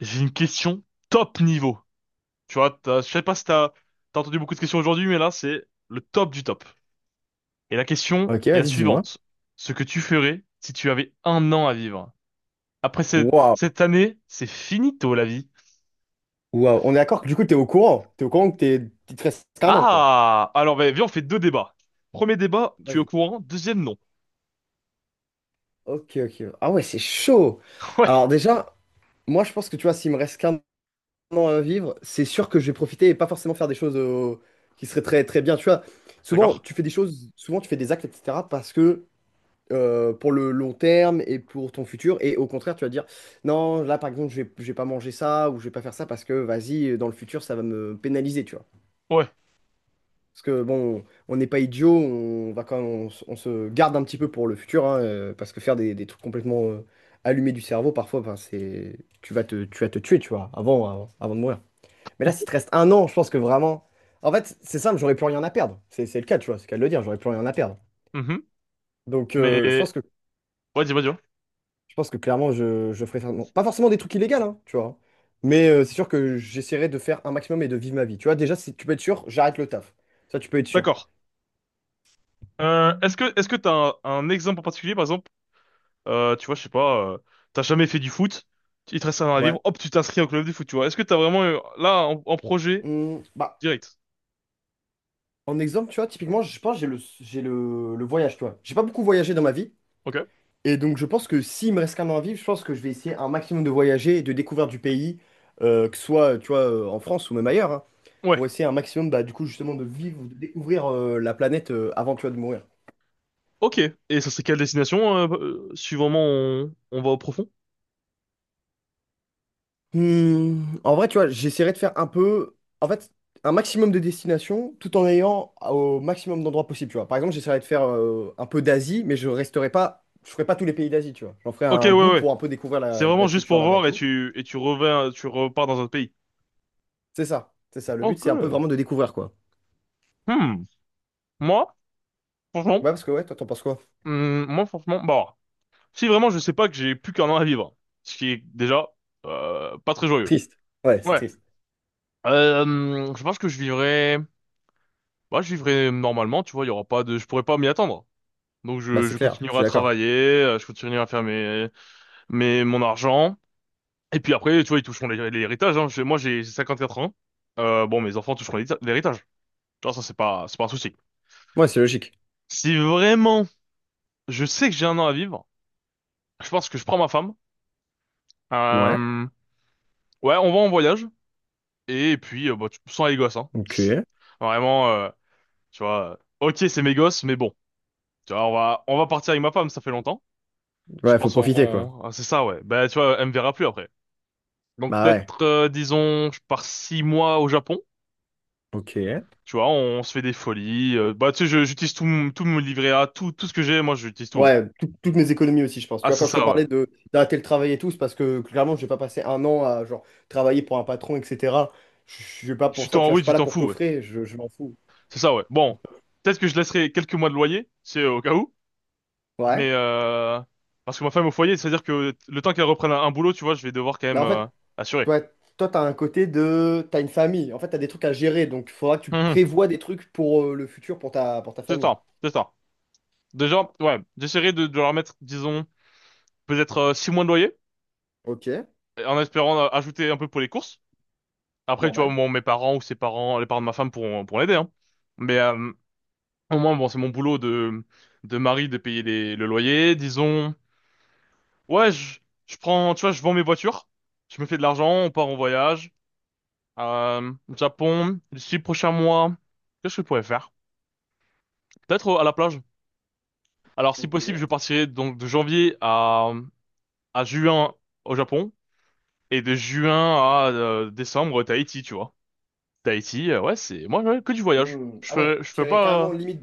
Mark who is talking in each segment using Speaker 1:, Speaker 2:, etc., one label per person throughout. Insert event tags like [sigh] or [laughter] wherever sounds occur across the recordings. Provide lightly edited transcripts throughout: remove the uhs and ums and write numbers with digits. Speaker 1: J'ai une question top niveau. Tu vois, je sais pas si t'as entendu beaucoup de questions aujourd'hui, mais là, c'est le top du top. Et la question
Speaker 2: Ok,
Speaker 1: est la
Speaker 2: vas-y, dis-moi.
Speaker 1: suivante. Ce que tu ferais si tu avais un an à vivre. Après cette,
Speaker 2: Waouh,
Speaker 1: cette année, c'est finito la vie.
Speaker 2: waouh. On est d'accord que du coup, t'es au courant. T'es au courant que t'es il te reste qu'un an, quoi.
Speaker 1: Ah! Alors, bah, viens, on fait deux débats. Premier débat, tu es au
Speaker 2: Vas-y.
Speaker 1: courant. Deuxième, non.
Speaker 2: Ok, ok. Ah ouais, c'est chaud.
Speaker 1: [laughs] Ouais,
Speaker 2: Alors déjà, moi, je pense que tu vois, s'il me reste qu'un an à vivre, c'est sûr que je vais profiter et pas forcément faire des choses qui seraient très, très bien. Tu vois, souvent,
Speaker 1: d'accord.
Speaker 2: tu fais des choses, souvent, tu fais des actes, etc. parce que pour le long terme et pour ton futur. Et au contraire, tu vas dire, non, là, par exemple, je vais pas manger ça ou je vais pas faire ça parce que, vas-y, dans le futur, ça va me pénaliser, tu vois.
Speaker 1: Ouais.
Speaker 2: Parce que bon, on n'est pas idiot, on va quand même- on se garde un petit peu pour le futur, hein, parce que faire des trucs complètement allumés du cerveau, parfois, ben, c'est, tu vas te tuer, tu vois, avant, avant, avant de mourir. Mais là, si te reste un an, je pense que vraiment, en fait, c'est simple, j'aurais plus rien à perdre. C'est le cas, tu vois, c'est le cas de le dire, j'aurais plus rien à perdre.
Speaker 1: Mhm.
Speaker 2: Donc,
Speaker 1: Mais, ouais, dis-moi, dis-moi.
Speaker 2: je pense que clairement, je pas forcément des trucs illégaux, hein, tu vois, mais c'est sûr que j'essaierai de faire un maximum et de vivre ma vie. Tu vois, déjà, si tu peux être sûr, j'arrête le taf. Ça, tu peux être sûr.
Speaker 1: D'accord. Est-ce que t'as un exemple en particulier, par exemple? Tu vois, je sais pas, t'as jamais fait du foot, il te reste un an à
Speaker 2: Ouais.
Speaker 1: vivre, hop, tu t'inscris au club de foot, tu vois. Est-ce que t'as vraiment, là, en projet,
Speaker 2: Bah,
Speaker 1: direct?
Speaker 2: en exemple, tu vois, typiquement, je pense que j'ai le voyage, tu vois. J'ai pas beaucoup voyagé dans ma vie.
Speaker 1: Ok.
Speaker 2: Et donc, je pense que s'il me reste qu'un an à vivre, je pense que je vais essayer un maximum de voyager et de découvrir du pays, que ce soit, tu vois, en France ou même ailleurs, hein,
Speaker 1: Ouais.
Speaker 2: pour essayer un maximum, bah, du coup, justement, de vivre, de découvrir la planète avant, tu vois, de mourir.
Speaker 1: Ok. Et ça serait quelle destination, si on va au profond?
Speaker 2: En vrai, tu vois, j'essaierai de faire un peu, en fait, un maximum de destinations tout en ayant au maximum d'endroits possibles, tu vois. Par exemple, j'essaierai de faire un peu d'Asie, mais je resterai pas, je ferai pas tous les pays d'Asie, tu vois. J'en ferai
Speaker 1: Ok, ouais,
Speaker 2: un bout
Speaker 1: ouais.
Speaker 2: pour un peu découvrir
Speaker 1: C'est
Speaker 2: la
Speaker 1: vraiment juste
Speaker 2: culture
Speaker 1: pour
Speaker 2: là-bas et
Speaker 1: voir et
Speaker 2: tout.
Speaker 1: tu, et tu reviens, tu repars dans un autre pays.
Speaker 2: C'est ça, c'est ça. Le but,
Speaker 1: Ok.
Speaker 2: c'est un peu vraiment de découvrir, quoi.
Speaker 1: Hmm. Moi, franchement,
Speaker 2: Ouais, parce que ouais, toi, t'en penses quoi?
Speaker 1: Moi, franchement, bon. Si vraiment je sais pas que j'ai plus qu'un an à vivre, ce qui est déjà, pas très joyeux.
Speaker 2: Triste. Ouais, c'est
Speaker 1: Ouais.
Speaker 2: triste.
Speaker 1: Je pense que je vivrais Bah, je vivrai normalement, tu vois, il y aura pas je pourrais pas m'y attendre. Donc,
Speaker 2: Bah,
Speaker 1: je,
Speaker 2: c'est
Speaker 1: je
Speaker 2: clair, je
Speaker 1: continuerai
Speaker 2: suis
Speaker 1: à
Speaker 2: d'accord.
Speaker 1: travailler, je continuerai à faire mon argent. Et puis après, tu vois, ils toucheront l'héritage, hein. Moi, j'ai 54 ans. Bon, mes enfants toucheront l'héritage. Tu vois, ça, c'est pas un souci.
Speaker 2: Ouais, c'est logique.
Speaker 1: Si vraiment, je sais que j'ai un an à vivre, je pense que je prends ma femme.
Speaker 2: Ouais,
Speaker 1: Euh, ouais, on va en voyage. Et puis, bah, sans les gosses, hein.
Speaker 2: ok.
Speaker 1: Vraiment, tu vois, ok, c'est mes gosses, mais bon. Tu vois, on va partir avec ma femme, ça fait longtemps. Je
Speaker 2: Ouais, faut
Speaker 1: pense
Speaker 2: profiter, quoi.
Speaker 1: on- Ah, c'est ça, ouais. Bah, tu vois, elle me verra plus après. Donc,
Speaker 2: Bah ouais.
Speaker 1: peut-être disons je pars 6 mois au Japon.
Speaker 2: Ok.
Speaker 1: Tu vois, se fait des folies. Bah, tu sais, tout mon livret A, tout ce que j'ai, moi j'utilise tout, hein.
Speaker 2: Ouais, toutes mes économies aussi, je pense. Tu
Speaker 1: Ah,
Speaker 2: vois,
Speaker 1: c'est
Speaker 2: quand je te
Speaker 1: ça, ouais.
Speaker 2: parlais de d'arrêter le travail et tout, c'est parce que clairement, je vais pas passer un an à genre travailler pour un patron, etc. Je suis pas
Speaker 1: Tu
Speaker 2: pour ça, tu
Speaker 1: t'en
Speaker 2: vois, je
Speaker 1: oui
Speaker 2: suis
Speaker 1: tu
Speaker 2: pas là
Speaker 1: t'en
Speaker 2: pour
Speaker 1: fous, ouais.
Speaker 2: coffrer, je m'en fous.
Speaker 1: C'est ça, ouais. Bon, peut-être que je laisserai quelques mois de loyer, c'est au cas où.
Speaker 2: Ouais.
Speaker 1: Mais, parce que ma femme est au foyer, c'est-à-dire que le temps qu'elle reprenne un boulot, tu vois, je vais devoir quand
Speaker 2: Mais
Speaker 1: même
Speaker 2: en fait,
Speaker 1: assurer.
Speaker 2: ouais, toi, t'as un côté de. T'as une famille. En fait, t'as des trucs à gérer. Donc, il faudra que tu
Speaker 1: Hum, hum.
Speaker 2: prévois des trucs pour le futur, pour ta
Speaker 1: C'est
Speaker 2: famille.
Speaker 1: ça, c'est ça. Déjà, ouais, j'essaierai de leur mettre, disons peut-être 6 mois de loyer.
Speaker 2: Ok.
Speaker 1: En espérant ajouter un peu pour les courses. Après, tu vois,
Speaker 2: Normal.
Speaker 1: bon, mes parents ou ses parents, les parents de ma femme pourront l'aider, hein. Mais, au moins, bon, c'est mon boulot de mari de payer le loyer. Disons, ouais, je prends, tu vois, je vends mes voitures, je me fais de l'argent, on part en voyage, Japon, d'ici le prochain mois. Qu'est-ce que je pourrais faire? Peut-être à la plage. Alors, si
Speaker 2: Ok.
Speaker 1: possible, je partirai donc de janvier à juin au Japon et de juin à décembre, Tahiti, tu vois. Tahiti, ouais, c'est moi, ouais, que du voyage.
Speaker 2: Hmm.
Speaker 1: Je
Speaker 2: Ah ouais,
Speaker 1: fais, je
Speaker 2: tu
Speaker 1: fais
Speaker 2: irais carrément
Speaker 1: pas.
Speaker 2: limite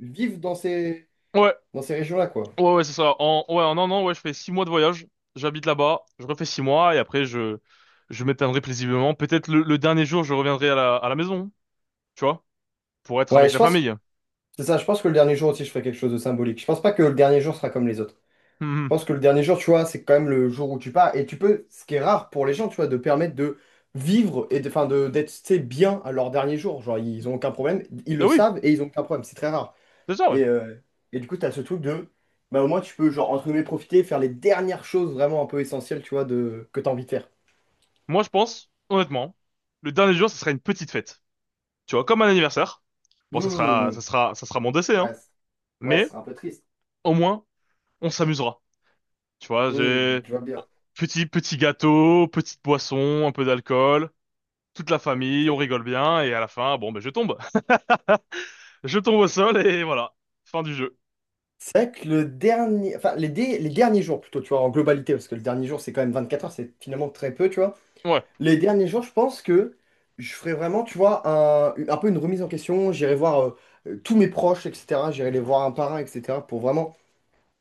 Speaker 2: vivre
Speaker 1: Ouais,
Speaker 2: dans ces régions-là, quoi.
Speaker 1: ouais, ouais, c'est ça. Ouais, en un an, ouais, je fais 6 mois de voyage. J'habite là-bas, je refais 6 mois et après je m'éteindrai plaisiblement. Peut-être le dernier jour, je reviendrai à la maison, tu vois, pour être
Speaker 2: Ouais,
Speaker 1: avec
Speaker 2: je
Speaker 1: la
Speaker 2: pense.
Speaker 1: famille. [laughs]
Speaker 2: C'est ça, je pense que le dernier jour aussi, je ferai quelque chose de symbolique. Je pense pas que le dernier jour sera comme les autres. Je
Speaker 1: Mhm.
Speaker 2: pense que le dernier jour, tu vois, c'est quand même le jour où tu pars. Et tu peux, ce qui est rare pour les gens, tu vois, de permettre de vivre et de, enfin, de, d'être, tu sais, bien à leur dernier jour. Genre, ils ont aucun problème, ils
Speaker 1: Ah,
Speaker 2: le
Speaker 1: oui,
Speaker 2: savent et ils ont aucun problème. C'est très rare.
Speaker 1: c'est ça, ouais.
Speaker 2: Et, euh, et du coup, t'as ce truc de, bah, au moins, tu peux, genre, entre guillemets, profiter, faire les dernières choses vraiment un peu essentielles, tu vois, de, que t'as envie de faire.
Speaker 1: Moi, je pense, honnêtement, le dernier jour, ce sera une petite fête, tu vois, comme un anniversaire. Bon, ça sera,
Speaker 2: Hmm,
Speaker 1: ça sera, ça sera mon décès, hein.
Speaker 2: ouais, ouais,
Speaker 1: Mais
Speaker 2: c'est un peu triste.
Speaker 1: au moins, on s'amusera. Tu vois, j'ai
Speaker 2: Je vois
Speaker 1: bon,
Speaker 2: bien.
Speaker 1: petit gâteau, petite boisson, un peu d'alcool, toute la famille, on rigole bien et à la fin, bon, ben, je tombe. [laughs] Je tombe au sol et voilà, fin du jeu.
Speaker 2: C'est vrai que le dernier, enfin les derniers jours plutôt, tu vois, en globalité, parce que le dernier jour c'est quand même 24 heures, c'est finalement très peu, tu vois.
Speaker 1: Ouais.
Speaker 2: Les derniers jours, je pense que je ferai vraiment, tu vois, un peu une remise en question. J'irai voir tous mes proches, etc. J'irai les voir un par un, etc. pour vraiment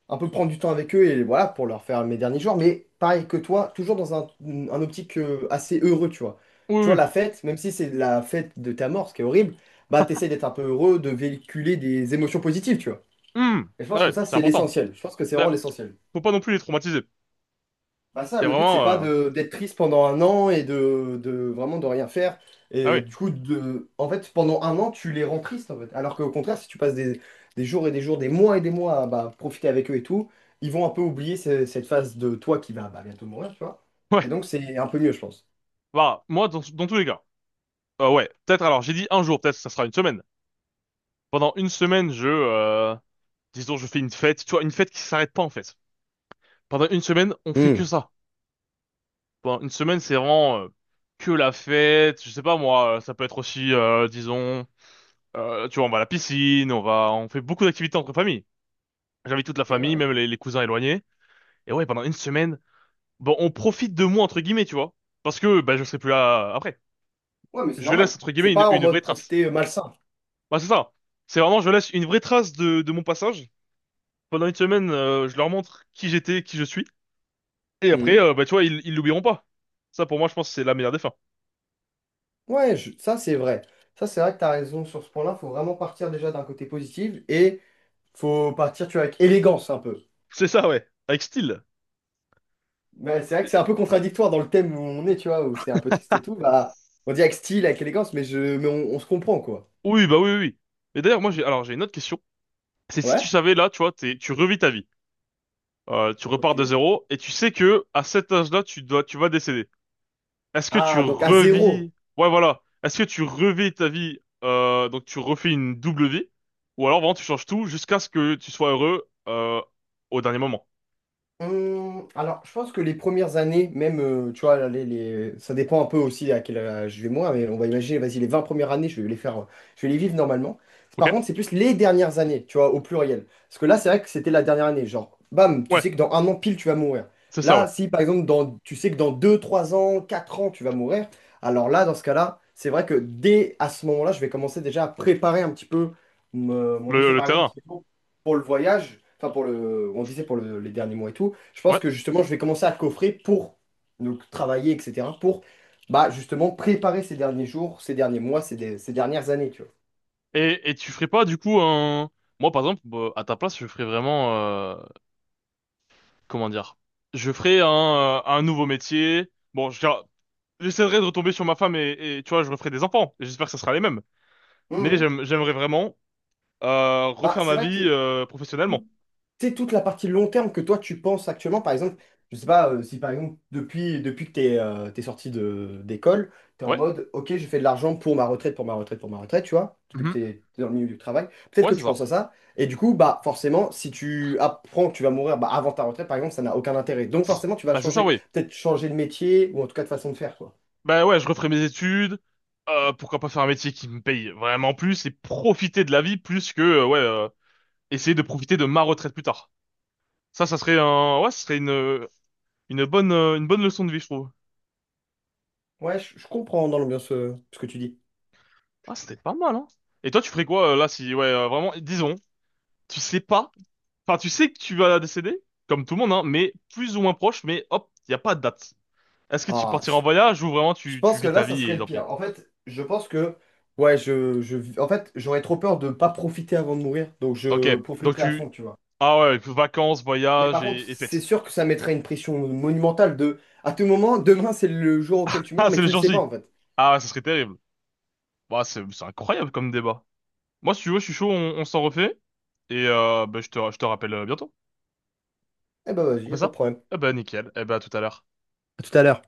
Speaker 2: un peu prendre du temps avec eux et voilà, pour leur faire mes derniers jours. Mais pareil que toi, toujours dans un optique assez heureux, tu vois.
Speaker 1: Oui,
Speaker 2: Tu vois,
Speaker 1: oui.
Speaker 2: la fête, même si c'est la fête de ta mort, ce qui est horrible, bah t'essayes d'être un peu heureux, de véhiculer des émotions positives, tu vois.
Speaker 1: Hmm.
Speaker 2: Et je pense que
Speaker 1: Ouais,
Speaker 2: ça,
Speaker 1: c'est
Speaker 2: c'est
Speaker 1: important.
Speaker 2: l'essentiel. Je pense que c'est vraiment
Speaker 1: Ben,
Speaker 2: l'essentiel.
Speaker 1: faut pas non plus les traumatiser.
Speaker 2: Bah ça,
Speaker 1: C'est
Speaker 2: le but,
Speaker 1: vraiment
Speaker 2: c'est pas
Speaker 1: euh,
Speaker 2: de d'être triste pendant un an et de vraiment de rien faire.
Speaker 1: Ah,
Speaker 2: Et
Speaker 1: oui.
Speaker 2: du coup, en fait, pendant un an, tu les rends tristes, en fait. Alors qu'au contraire, si tu passes des jours et des jours, des mois et des mois à bah, profiter avec eux et tout, ils vont un peu oublier cette phase de toi qui va bah, bientôt mourir, tu vois. Et
Speaker 1: Ouais.
Speaker 2: donc, c'est un peu mieux, je pense.
Speaker 1: Bah, moi, dans tous les cas. Ouais, peut-être alors j'ai dit un jour, peut-être ça sera une semaine. Pendant une semaine, je disons je fais une fête, tu vois, une fête qui s'arrête pas en fait. Pendant une semaine, on fait que
Speaker 2: Hmm.
Speaker 1: ça. Bon, une semaine, c'est vraiment que la fête. Je sais pas moi, ça peut être aussi, disons, tu vois, on va à la piscine, on fait beaucoup d'activités entre familles. J'invite toute la
Speaker 2: Ok,
Speaker 1: famille,
Speaker 2: ouais.
Speaker 1: même les cousins éloignés. Et ouais, pendant une semaine, bon, on profite de moi entre guillemets, tu vois, parce que bah je serai plus là après.
Speaker 2: Ouais, mais c'est
Speaker 1: Je laisse
Speaker 2: normal.
Speaker 1: entre
Speaker 2: C'est
Speaker 1: guillemets une,
Speaker 2: pas en
Speaker 1: une vraie
Speaker 2: mode
Speaker 1: trace.
Speaker 2: profiter malsain.
Speaker 1: Bah, c'est ça. C'est vraiment, je laisse une vraie trace de mon passage. Pendant une semaine, je leur montre qui j'étais, qui je suis. Et après,
Speaker 2: Mhm.
Speaker 1: bah, tu vois, ils l'oublieront pas. Ça, pour moi, je pense que c'est la meilleure des fins.
Speaker 2: Ouais, ça c'est vrai. Ça c'est vrai que t'as raison sur ce point-là. Faut vraiment partir déjà d'un côté positif et faut partir, tu vois, avec élégance un peu.
Speaker 1: C'est ça, ouais, avec style.
Speaker 2: Mais c'est vrai que c'est un peu contradictoire dans le thème où on est, tu vois, où c'est un peu triste et tout. Bah, on dit avec style, avec élégance, mais on se comprend, quoi.
Speaker 1: Oui, bah oui, oui. Oui. Et d'ailleurs, moi, alors, j'ai une autre question. C'est si tu
Speaker 2: Ouais?
Speaker 1: savais, là, tu vois, tu revis ta vie. Tu
Speaker 2: Ok.
Speaker 1: repars de zéro et tu sais que, à cet âge-là, tu vas décéder. Est-ce que tu
Speaker 2: Ah, donc à zéro.
Speaker 1: revis, ouais, voilà. Est-ce que tu revis ta vie, donc tu refais une double vie? Ou alors, vraiment, tu changes tout jusqu'à ce que tu sois heureux, au dernier moment.
Speaker 2: Alors, je pense que les premières années, même, tu vois, ça dépend un peu aussi à quel âge je vais moi, mais on va imaginer, vas-y, les 20 premières années, je vais les vivre normalement. Par
Speaker 1: Ok?
Speaker 2: contre, c'est plus les dernières années, tu vois, au pluriel. Parce que là, c'est vrai que c'était la dernière année. Genre, bam, tu sais
Speaker 1: Ouais,
Speaker 2: que dans un an pile, tu vas mourir.
Speaker 1: c'est ça, ouais.
Speaker 2: Là, si par exemple, tu sais que dans 2, 3 ans, 4 ans, tu vas mourir, alors là, dans ce cas-là, c'est vrai que dès à ce moment-là, je vais commencer déjà à préparer un petit peu mon
Speaker 1: Le,
Speaker 2: décès.
Speaker 1: le
Speaker 2: Par exemple,
Speaker 1: terrain.
Speaker 2: pour le voyage, enfin, pour le, on disait les derniers mois et tout. Je pense
Speaker 1: Ouais.
Speaker 2: que justement, je vais commencer à coffrer pour donc, travailler, etc. Pour bah, justement préparer ces derniers jours, ces derniers mois, ces dernières années, tu vois.
Speaker 1: Et tu ferais pas, du coup, moi, par exemple, bah, à ta place, je ferais vraiment, comment dire, je ferai un nouveau métier. Bon, j'essaierai de retomber sur ma femme et, tu vois, je referai des enfants. Et j'espère que ça sera les mêmes. Mais
Speaker 2: Mhm.
Speaker 1: j'aimerais vraiment
Speaker 2: Bah,
Speaker 1: refaire
Speaker 2: c'est
Speaker 1: ma
Speaker 2: vrai
Speaker 1: vie
Speaker 2: que
Speaker 1: professionnellement.
Speaker 2: tu sais, toute la partie long terme que toi tu penses actuellement, par exemple, je sais pas si par exemple depuis que t'es sorti de d'école, t'es en
Speaker 1: Ouais.
Speaker 2: mode ok, j'ai fait de l'argent pour ma retraite, pour ma retraite, pour ma retraite, tu vois, depuis que
Speaker 1: Mhm.
Speaker 2: t'es dans le milieu du travail, peut-être
Speaker 1: Ouais,
Speaker 2: que
Speaker 1: c'est
Speaker 2: tu
Speaker 1: ça.
Speaker 2: penses à ça, et du coup, bah forcément, si tu apprends que tu vas mourir bah, avant ta retraite, par exemple, ça n'a aucun intérêt. Donc forcément, tu vas
Speaker 1: Bah, c'est ça,
Speaker 2: changer,
Speaker 1: oui.
Speaker 2: peut-être changer de métier, ou en tout cas de façon de faire, quoi.
Speaker 1: Bah, ouais, je referai mes études. Pourquoi pas faire un métier qui me paye vraiment plus et profiter de la vie plus que, ouais, essayer de profiter de ma retraite plus tard. Ça serait ouais, ça serait une bonne leçon de vie, je trouve.
Speaker 2: Ouais, je comprends dans l'ambiance ce que tu dis.
Speaker 1: Ah, c'était pas mal, hein. Et toi, tu ferais quoi, là, si, ouais, vraiment, disons, tu sais pas, enfin tu sais que tu vas décéder, comme tout le monde, hein, mais plus ou moins proche, mais hop, il n'y a pas de date. Est-ce que tu
Speaker 2: Ah,
Speaker 1: partiras en voyage ou vraiment
Speaker 2: je
Speaker 1: tu
Speaker 2: pense que
Speaker 1: vis ta
Speaker 2: là, ça
Speaker 1: vie et
Speaker 2: serait le
Speaker 1: tant pis?
Speaker 2: pire. En fait, je pense que, ouais, en fait, j'aurais trop peur de ne pas profiter avant de mourir, donc
Speaker 1: Ok,
Speaker 2: je
Speaker 1: donc
Speaker 2: profiterai à
Speaker 1: tu.
Speaker 2: fond, tu vois.
Speaker 1: Ah, ouais, vacances,
Speaker 2: Mais
Speaker 1: voyage
Speaker 2: par contre,
Speaker 1: et
Speaker 2: c'est
Speaker 1: fêtes.
Speaker 2: sûr que ça mettrait une pression monumentale de, à tout moment, demain, c'est le jour auquel
Speaker 1: [laughs]
Speaker 2: tu meurs,
Speaker 1: Ah,
Speaker 2: mais
Speaker 1: c'est le
Speaker 2: tu le
Speaker 1: jour
Speaker 2: sais pas,
Speaker 1: J.
Speaker 2: en fait.
Speaker 1: Ah, ouais, ça serait terrible. Bah, c'est incroyable comme débat. Moi, si tu veux, je suis chaud, on s'en refait. Et, bah, je te rappelle bientôt.
Speaker 2: Eh ben, vas-y,
Speaker 1: On
Speaker 2: y
Speaker 1: fait
Speaker 2: a pas de
Speaker 1: ça?
Speaker 2: problème.
Speaker 1: Eh ben, nickel. Eh ben, à tout à l'heure.
Speaker 2: À tout à l'heure.